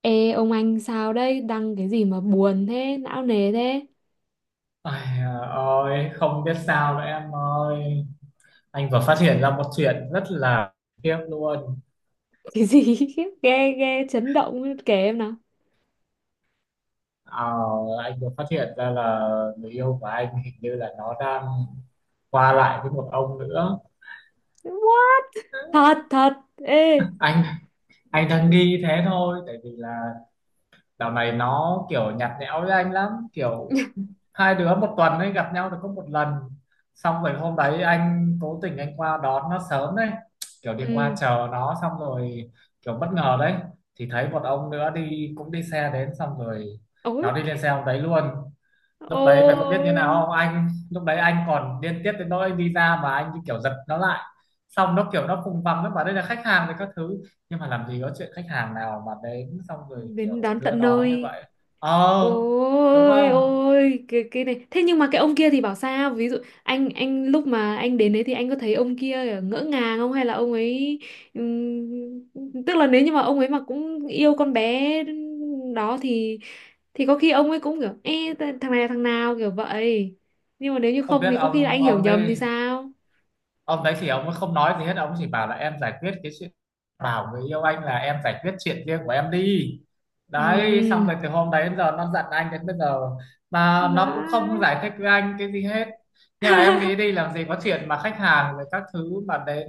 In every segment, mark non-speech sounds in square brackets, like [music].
Ê ông anh, sao đấy, đăng cái gì mà buồn thế, não nề thế? Ai à, ôi không biết sao nữa em ơi. Anh vừa phát hiện ra một chuyện rất là tiếc luôn. Cái gì? [laughs] Ghê ghê, chấn động, kể em nào. Ờ, anh vừa phát hiện ra là người yêu của anh hình như là nó đang qua lại với một ông nữa. What? Thật thật? Ê, Anh anh đang nghi thế thôi, tại vì là dạo này nó kiểu nhạt nhẽo với anh lắm, kiểu hai đứa một tuần ấy gặp nhau được có một lần. Xong rồi hôm đấy anh cố tình anh qua đón nó sớm đấy, kiểu đi qua ừ. chờ nó, xong rồi kiểu bất ngờ đấy thì thấy một ông nữa đi, cũng đi xe đến, xong rồi Ôi, nó đi lên xe ông đấy luôn. Lúc đấy mày có biết như ôi, nào không? Anh lúc đấy anh còn điên tiết đến nỗi đi ra mà anh như kiểu giật nó lại, xong nó kiểu nó vùng vằng, nó bảo đây là khách hàng với các thứ. Nhưng mà làm gì có chuyện khách hàng nào mà đến xong rồi đến kiểu đón đưa tận đón như nơi. vậy. Ờ. Đúng Ôi, không? ôi, cái này, thế nhưng mà cái ông kia thì bảo sao, ví dụ anh lúc mà anh đến đấy thì anh có thấy ông kia ngỡ ngàng không, hay là ông ấy, tức là nếu như mà ông ấy mà cũng yêu con bé đó thì có khi ông ấy cũng kiểu: Ê, thằng này là thằng nào, kiểu vậy. Nhưng mà nếu như Không không biết thì có khi là ông anh hiểu ông nhầm đấy, thì sao? ông đấy thì ông không nói gì hết, ông chỉ bảo là em giải quyết cái chuyện, bảo người yêu anh là em giải quyết chuyện riêng của em đi. Đấy, xong Ừm. rồi từ hôm đấy đến giờ nó giận anh đến bây giờ, mà nó cũng Má. không giải thích với anh cái gì hết. Nhưng mà em nghĩ đi, [laughs] làm gì có chuyện mà khách hàng rồi các thứ mà đến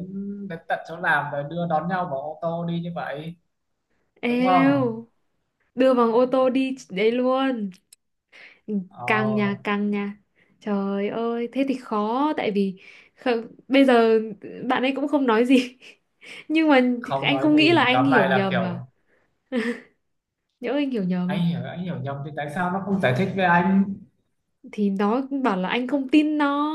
đến tận chỗ làm rồi đưa đón nhau bằng ô tô đi như vậy. Đúng không? Eo, đưa bằng ô tô đi đấy luôn. Ừ. Căng nhà, Ờ, căng nhà. Trời ơi, thế thì khó, tại vì bây giờ bạn ấy cũng không nói gì. [laughs] Nhưng mà không anh nói không nghĩ là gì. anh Tóm hiểu lại là nhầm mà. kiểu Nhỡ anh hiểu nhầm anh hiểu nhầm thì tại sao nó không giải thích với anh. thì nó bảo là anh không tin nó.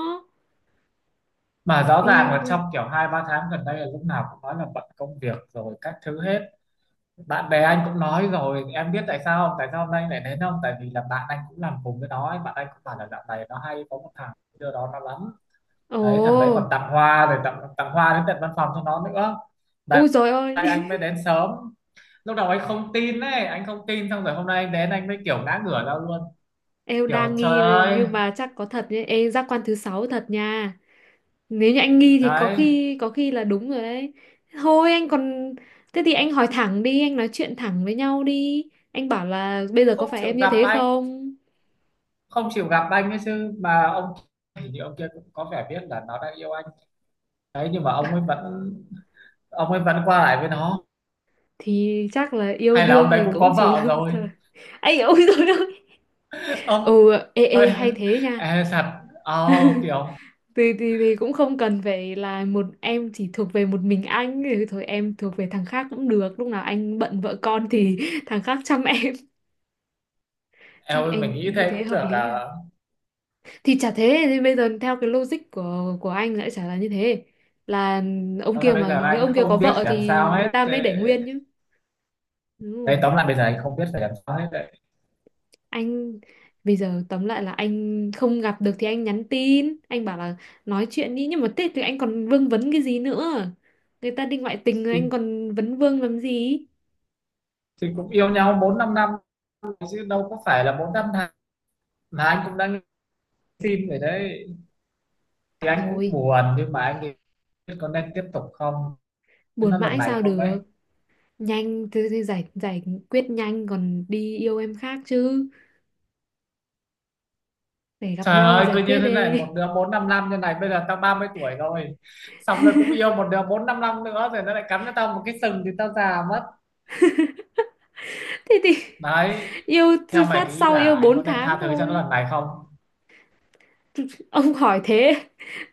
Mà rõ ràng là Ý- trong kiểu 2-3 tháng gần đây là lúc nào cũng nói là bận công việc rồi các thứ hết. Bạn bè anh cũng nói rồi, em biết tại sao không, tại sao hôm nay lại đến không, tại vì là bạn anh cũng làm cùng với nó ấy. Bạn anh cũng bảo là dạo này nó hay có một thằng đưa đó nó lắm. Ồ, Đấy, thằng đấy còn tặng hoa rồi tặng tặng hoa đến tận văn phòng cho nó nữa. Đấy, ôi trời ơi. [laughs] anh mới đến sớm, lúc đầu anh không tin ấy, anh không tin, xong rồi hôm nay anh đến anh mới kiểu ngã ngửa ra luôn, Em kiểu đang trời nghi ơi. nhưng mà chắc có thật nhé. Ê, giác quan thứ sáu thật nha. Nếu như anh nghi thì có Đấy, khi có khi là đúng rồi đấy. Thôi anh còn, thế thì anh hỏi thẳng đi, anh nói chuyện thẳng với nhau đi. Anh bảo là bây giờ có không phải chịu em như gặp thế anh, không? không chịu gặp anh ấy chứ, mà ông, thì ông kia cũng có vẻ biết là nó đang yêu anh. Đấy, nhưng mà ông ấy vẫn, ông ấy vẫn qua lại với nó. Thì chắc là yêu Hay là đương ông đấy thì cũng cũng có chỉ là vợ một rồi? thời. [laughs] Anh ôi rồi đó. [laughs] Ừ, Ông ê ơi, ê hay thế nha. e thật oh, kiểu Thì cũng không cần phải là một em chỉ thuộc về một mình anh, thì thôi em thuộc về thằng khác cũng được. Lúc nào anh bận vợ con thì [laughs] thằng khác chăm em, em chắc ơi, mình anh nghĩ như thế thế cũng hợp được lý nhỉ. à? Thì chả thế thì bây giờ theo cái logic của anh lại chả là như thế, là ông Tóm kia, lại bây mà giờ nhớ anh ông kia có không biết vợ phải làm thì sao người hết. ta mới để nguyên chứ, đúng Đấy, không tóm lại bây giờ anh không biết phải làm sao hết đấy. anh. Bây giờ tóm lại là anh không gặp được thì anh nhắn tin, anh bảo là nói chuyện đi, nhưng mà thế thì anh còn vương vấn cái gì nữa, người ta đi ngoại tình rồi anh thì, còn vấn vương làm gì. thì cũng yêu nhau 4-5 năm chứ đâu có phải là 4-5 tháng. Mà anh cũng đang xin rồi đấy, thì anh cũng Thôi, buồn, nhưng mà anh thì biết có nên tiếp tục không. buồn Nó lần mãi này sao không ấy, được, nhanh thì giải giải quyết nhanh còn đi yêu em khác chứ, để gặp trời nhau ơi, giải cứ như quyết thế này, một đi. đứa 4-5 năm như này bây giờ tao 30 tuổi rồi, xong rồi cũng yêu một đứa 4-5 năm nữa rồi nó lại cắn cho tao một cái sừng thì tao già mất. Thế thì Đấy, yêu từ theo mày phát nghĩ sau là yêu anh có 4 nên tháng tha thứ cho nó thôi. lần này không? Ông hỏi thế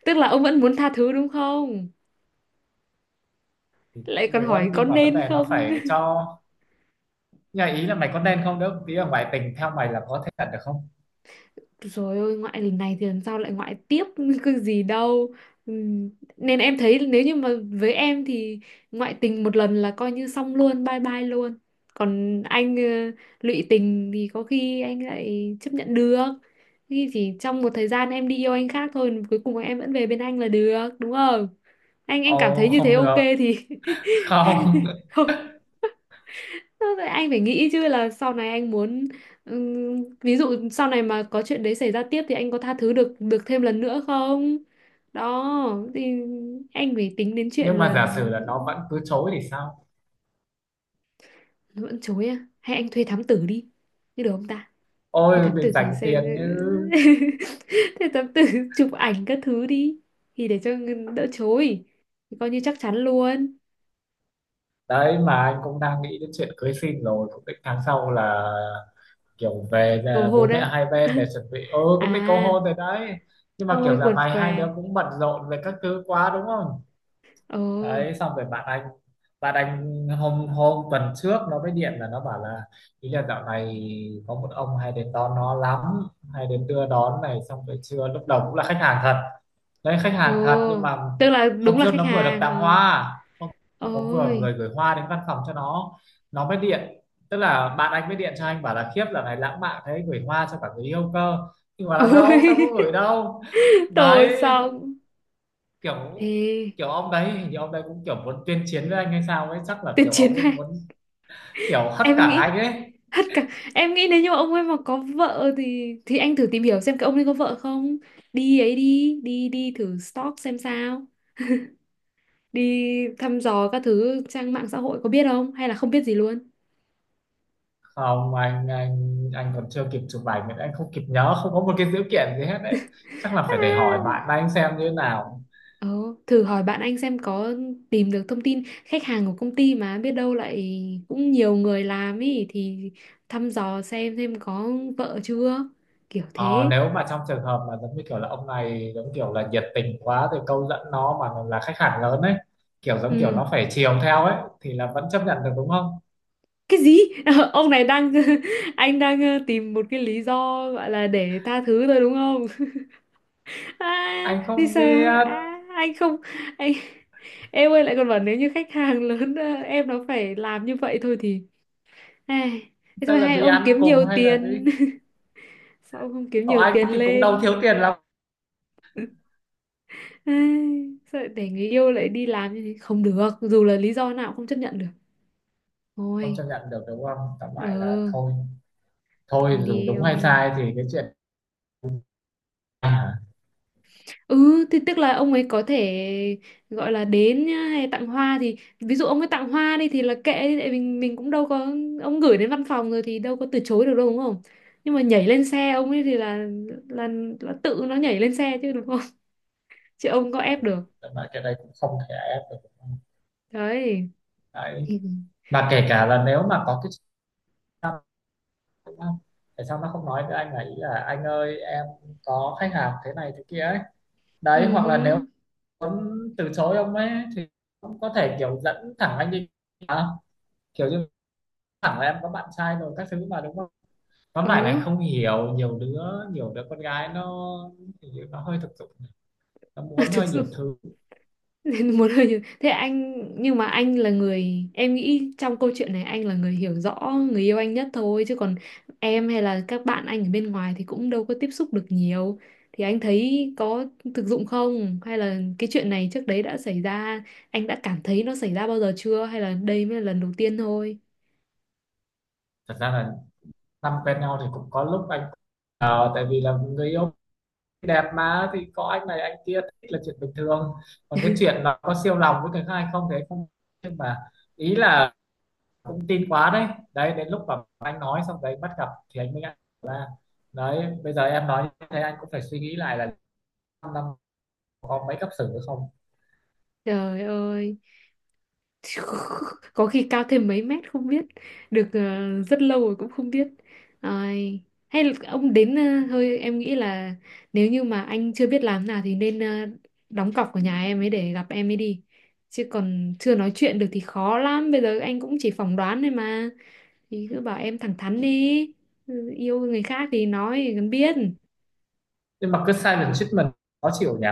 tức là ông vẫn muốn tha thứ đúng không, Thì cũng lại còn hỏi muốn, có nhưng mà vấn nên đề nó không. phải cho. Nhà ý là mày có nên không nữa, tí là ngoại tình theo mày là có thể thật được không? Rồi ôi, ngoại lần này thì lần sau lại ngoại tiếp, [laughs] cái gì đâu. Ừm, Nên em thấy nếu như mà với em thì ngoại tình một lần là coi như xong luôn, bye bye luôn. Còn anh, lụy tình thì có khi anh lại chấp nhận được. Khi chỉ trong một thời gian em đi yêu anh khác thôi, cuối cùng em vẫn về bên anh là được đúng không. Anh cảm Ồ thấy như thế không ok được, thì... không. [laughs] [laughs] không. Thế rồi anh phải nghĩ chứ, là sau này anh muốn, ví dụ sau này mà có chuyện đấy xảy ra tiếp thì anh có tha thứ được được thêm lần nữa không? Đó thì anh phải tính đến chuyện Nhưng mà là giả sử là nó nó. vẫn cứ chối thì sao? Vẫn chối à? Hay anh thuê thám tử đi. Như được không ta? Thuê Ôi thám để tử thử dành xem, tiền chứ. [laughs] thuê thám tử chụp ảnh các thứ đi, thì để cho đỡ chối, thì coi như chắc chắn luôn. Đấy, mà anh cũng đang nghĩ đến chuyện cưới xin rồi, cũng định tháng sau là kiểu về Cầu là hồn bố mẹ á. hai bên để [laughs] chuẩn bị, ừ cũng định cầu À, hôn rồi đấy. Nhưng mà ôi kiểu dạo quần này què. hai đứa cũng bận rộn về các thứ quá. Đúng không? Ờ. Đấy, xong rồi bạn anh, bạn anh hôm hôm tuần trước nó mới điện là nó bảo là, ý là dạo này có một ông hay đến đón nó lắm, hay đến đưa đón này, xong rồi trưa lúc đầu cũng là khách hàng thật. Đấy, khách Ồ, hàng thật, nhưng mà tức là hôm đúng là trước khách nó vừa được hàng. tặng Ờ. hoa, hôm có vừa Ôi, người gửi hoa đến văn phòng cho nó mới điện, tức là bạn anh mới điện cho anh bảo là, khiếp dạo này lãng mạn thế, gửi hoa cho cả người yêu cơ, nhưng mà là đâu tao có ôi, gửi đâu. [laughs] tôi Đấy, xong. kiểu Ê, kiểu ông đấy hình như ông đấy cũng kiểu muốn tuyên chiến với anh hay sao ấy, chắc là tuyệt kiểu chiến ông ấy này. muốn kiểu hất cả Em nghĩ anh ấy. hết cả. Em nghĩ nếu như mà ông ấy mà có vợ thì anh thử tìm hiểu xem cái ông ấy có vợ không. Đi ấy đi, đi đi thử stalk xem sao. Đi thăm dò các thứ trang mạng xã hội, có biết không hay là không biết gì luôn. Không, anh còn chưa kịp chụp ảnh nên anh không kịp nhớ, không có một cái dữ kiện gì hết đấy, chắc là phải để hỏi À. bạn anh xem như thế nào. Ờ, thử hỏi bạn anh xem có tìm được thông tin khách hàng của công ty, mà biết đâu lại cũng nhiều người làm ý, thì thăm dò xem có vợ chưa, kiểu Ờ, thế. nếu mà trong trường hợp mà giống như kiểu là ông này giống kiểu là nhiệt tình quá rồi câu dẫn nó, mà là khách hàng lớn ấy, kiểu giống kiểu Ừ. nó phải chiều theo ấy, thì là vẫn chấp nhận được. Đúng không? Cái gì? [laughs] Ông này đang, [laughs] anh đang, tìm một cái lý do gọi là để tha thứ thôi đúng không? [laughs] À, Anh thì không sợ, biết, à, anh không, anh, em ơi lại còn bảo nếu như khách hàng lớn, em nó phải làm như vậy thôi thì. Ai, thế sẽ thôi là hay đi ông ăn kiếm cùng nhiều hay là đi, tiền. [laughs] Sao ông không kiếm ở nhiều anh tiền thì cũng đâu lên. thiếu tiền lắm. [laughs] Ai, sợ để người yêu lại đi làm như thế không được, dù là lý do nào cũng không chấp nhận được, Không thôi. chấp nhận được. Đúng không? Tóm Ờ. lại là thôi, thôi Thôi dù đi đúng hay ông ơi. sai thì cái chuyện, à, Ừ thì tức là ông ấy có thể gọi là đến nhá, hay tặng hoa thì ví dụ ông ấy tặng hoa đi thì là kệ đi, tại mình cũng đâu có, ông gửi đến văn phòng rồi thì đâu có từ chối được đâu đúng không. Nhưng mà nhảy lên xe ông ấy thì là, là tự nó nhảy lên xe chứ đúng không, [laughs] chứ ông có ép được. tóm lại cái đây cũng không thể ai ép được. Đúng không? Đấy. Đấy, Ừ. mà kể cả là nếu mà có cái. Đúng không? Tại sao nó không nói với anh là, ý là anh ơi em có khách hàng thế này thế kia ấy. Ừ. Đấy, hoặc là nếu muốn từ chối ông ấy thì cũng có thể kiểu dẫn thẳng anh đi, à, kiểu như thẳng là em có bạn trai rồi các thứ mà. Đúng không? Tóm lại là anh Ừ. không hiểu, nhiều đứa con gái nó, hình nó hơi thực dụng, nó [laughs] muốn Thực hơi nhiều sự thứ. nên muốn hơi nhiều. Thế anh, nhưng mà anh là người, em nghĩ trong câu chuyện này anh là người hiểu rõ người yêu anh nhất thôi, chứ còn em hay là các bạn anh ở bên ngoài thì cũng đâu có tiếp xúc được nhiều. Thì anh thấy có thực dụng không, hay là cái chuyện này trước đấy đã xảy ra, anh đã cảm thấy nó xảy ra bao giờ chưa, hay là đây mới là lần đầu tiên thôi. Thật ra là năm quen nhau thì cũng có lúc anh, ờ, tại vì là người yêu đẹp mà thì có anh này anh kia thích là chuyện bình thường. Còn cái chuyện là có siêu lòng với người khác hay không thì anh không, nhưng mà ý là cũng tin quá đấy. Đấy, đến lúc mà anh nói xong đấy bắt gặp thì anh mới ngại ra. Đấy, bây giờ em nói như thế anh cũng phải suy nghĩ lại là 5 năm có mấy cấp xử nữa không. Trời ơi, [laughs] có khi cao thêm mấy mét không biết được. Ờ, rất lâu rồi cũng không biết. Ai, hay là ông đến, thôi em nghĩ là nếu như mà anh chưa biết làm nào thì nên, đóng cọc ở nhà em ấy để gặp em ấy đi, chứ còn chưa nói chuyện được thì khó lắm, bây giờ anh cũng chỉ phỏng đoán thôi mà. Thì cứ bảo em thẳng thắn đi. Ừ, yêu người khác thì nói, thì cần biết. Nhưng mà cứ silent treatment khó chịu nhỉ.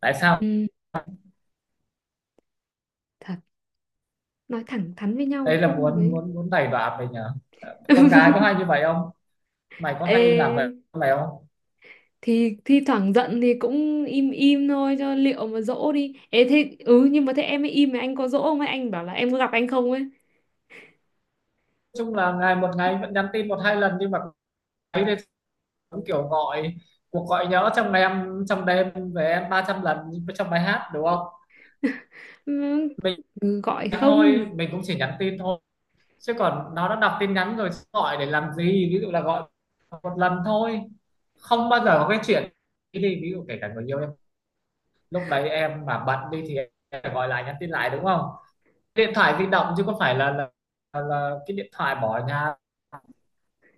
Tại sao Ừ, thật, nói thẳng thắn với đây nhau là không muốn mới... muốn muốn đày đọa mình nhỉ? Con gái có hay [laughs] như vậy không? Mày có hay làm vậy? Ê, Mày không, nói thì thi thoảng giận thì cũng im im thôi cho liệu mà dỗ đi. Ê thế, ừ, nhưng mà thế em ấy im mà anh có dỗ không ấy, anh bảo là em có gặp anh không ấy. chung là ngày một ngày vẫn nhắn tin 1-2 lần, nhưng mà ấy đây cũng kiểu gọi, cuộc gọi nhỡ trong ngày em, trong đêm về em 300 lần trong bài hát. Đúng không? Ừ, mình ừ, gọi không. Thôi mình cũng chỉ nhắn tin thôi, chứ còn nó đã đọc tin nhắn rồi gọi để làm gì. Ví dụ là gọi một lần thôi, không bao giờ có cái chuyện đi đi. Ví dụ kể cả người yêu em, lúc đấy em mà bận đi thì em phải gọi lại, nhắn tin lại. Đúng không? Điện thoại di động chứ có phải là là cái điện thoại bỏ ở nhà.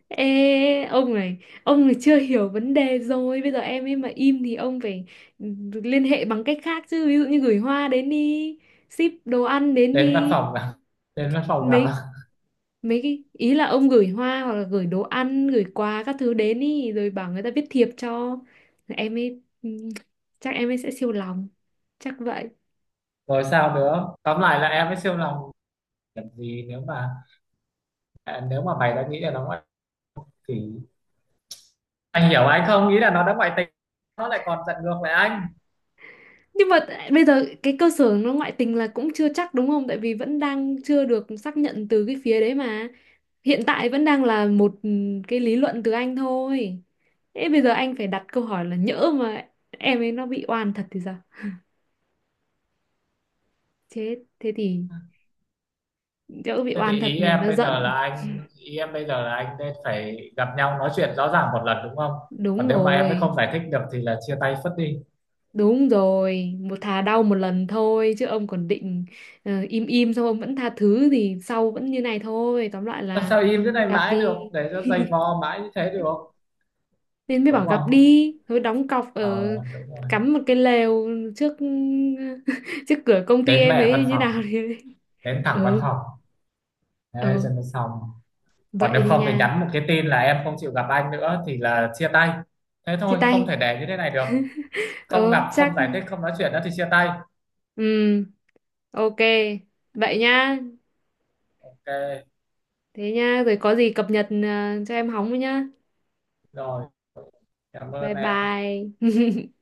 Ê ông này chưa hiểu vấn đề rồi. Bây giờ em ấy mà im thì ông phải, ừ, liên hệ bằng cách khác chứ, ví dụ như gửi hoa đến đi, ship đồ ăn đến Đến văn đi. phòng gặp [laughs] đến văn phòng gặp, Mấy mấy cái ý là ông gửi hoa hoặc là gửi đồ ăn, gửi quà các thứ đến ý rồi bảo người ta viết thiệp cho em ấy, chắc em ấy sẽ siêu lòng, chắc vậy. rồi sao nữa, tóm lại là em mới siêu lòng làm gì, nếu mà, à, nếu mà mày đã nghĩ là nó ngoại thì anh hiểu, anh không nghĩ là nó đã ngoại tình. Nó lại còn giận ngược lại anh. Nhưng mà bây giờ cái cơ sở nó ngoại tình là cũng chưa chắc đúng không, tại vì vẫn đang chưa được xác nhận từ cái phía đấy mà, hiện tại vẫn đang là một, cái lý luận từ anh thôi. Thế bây giờ anh phải đặt câu hỏi là nhỡ mà em ấy nó bị oan thật thì sao, chết, thế thì nhỡ bị Thế thì oan thật này nó giận. Ý em bây giờ là anh nên phải gặp nhau nói chuyện rõ ràng một lần. Đúng không? Còn Đúng nếu mà em mới rồi. không giải thích được thì là chia tay phất đi. Đúng rồi, một thà đau một lần thôi chứ ông còn định, im im xong ông vẫn tha thứ thì sau vẫn như này thôi. Tóm lại Làm là sao im thế này gặp mãi đi. được, để cho dày vò mãi như thế được. Nên mới bảo Đúng gặp không? đi, thôi đóng cọc ở, Ờ, đúng rồi. cắm một cái lều trước, [laughs] trước cửa công ty Đến em mẹ ấy văn như phòng, nào thì... [laughs] đến thẳng văn ừ, phòng, thế cho ừ, nó xong. Còn nếu vậy đi không thì nha. nhắn một cái tin là em không chịu gặp anh nữa thì là chia tay. Thế Chia thôi, không tay. thể để như thế này được. [laughs] Không Ừ gặp, không chắc, giải thích, không nói chuyện nữa thì chia tay. ừ, ok. Vậy nhá. Ok Thế nhá, rồi có gì cập nhật, cho em hóng với nhá. rồi, cảm ơn Bye em. bye. [laughs]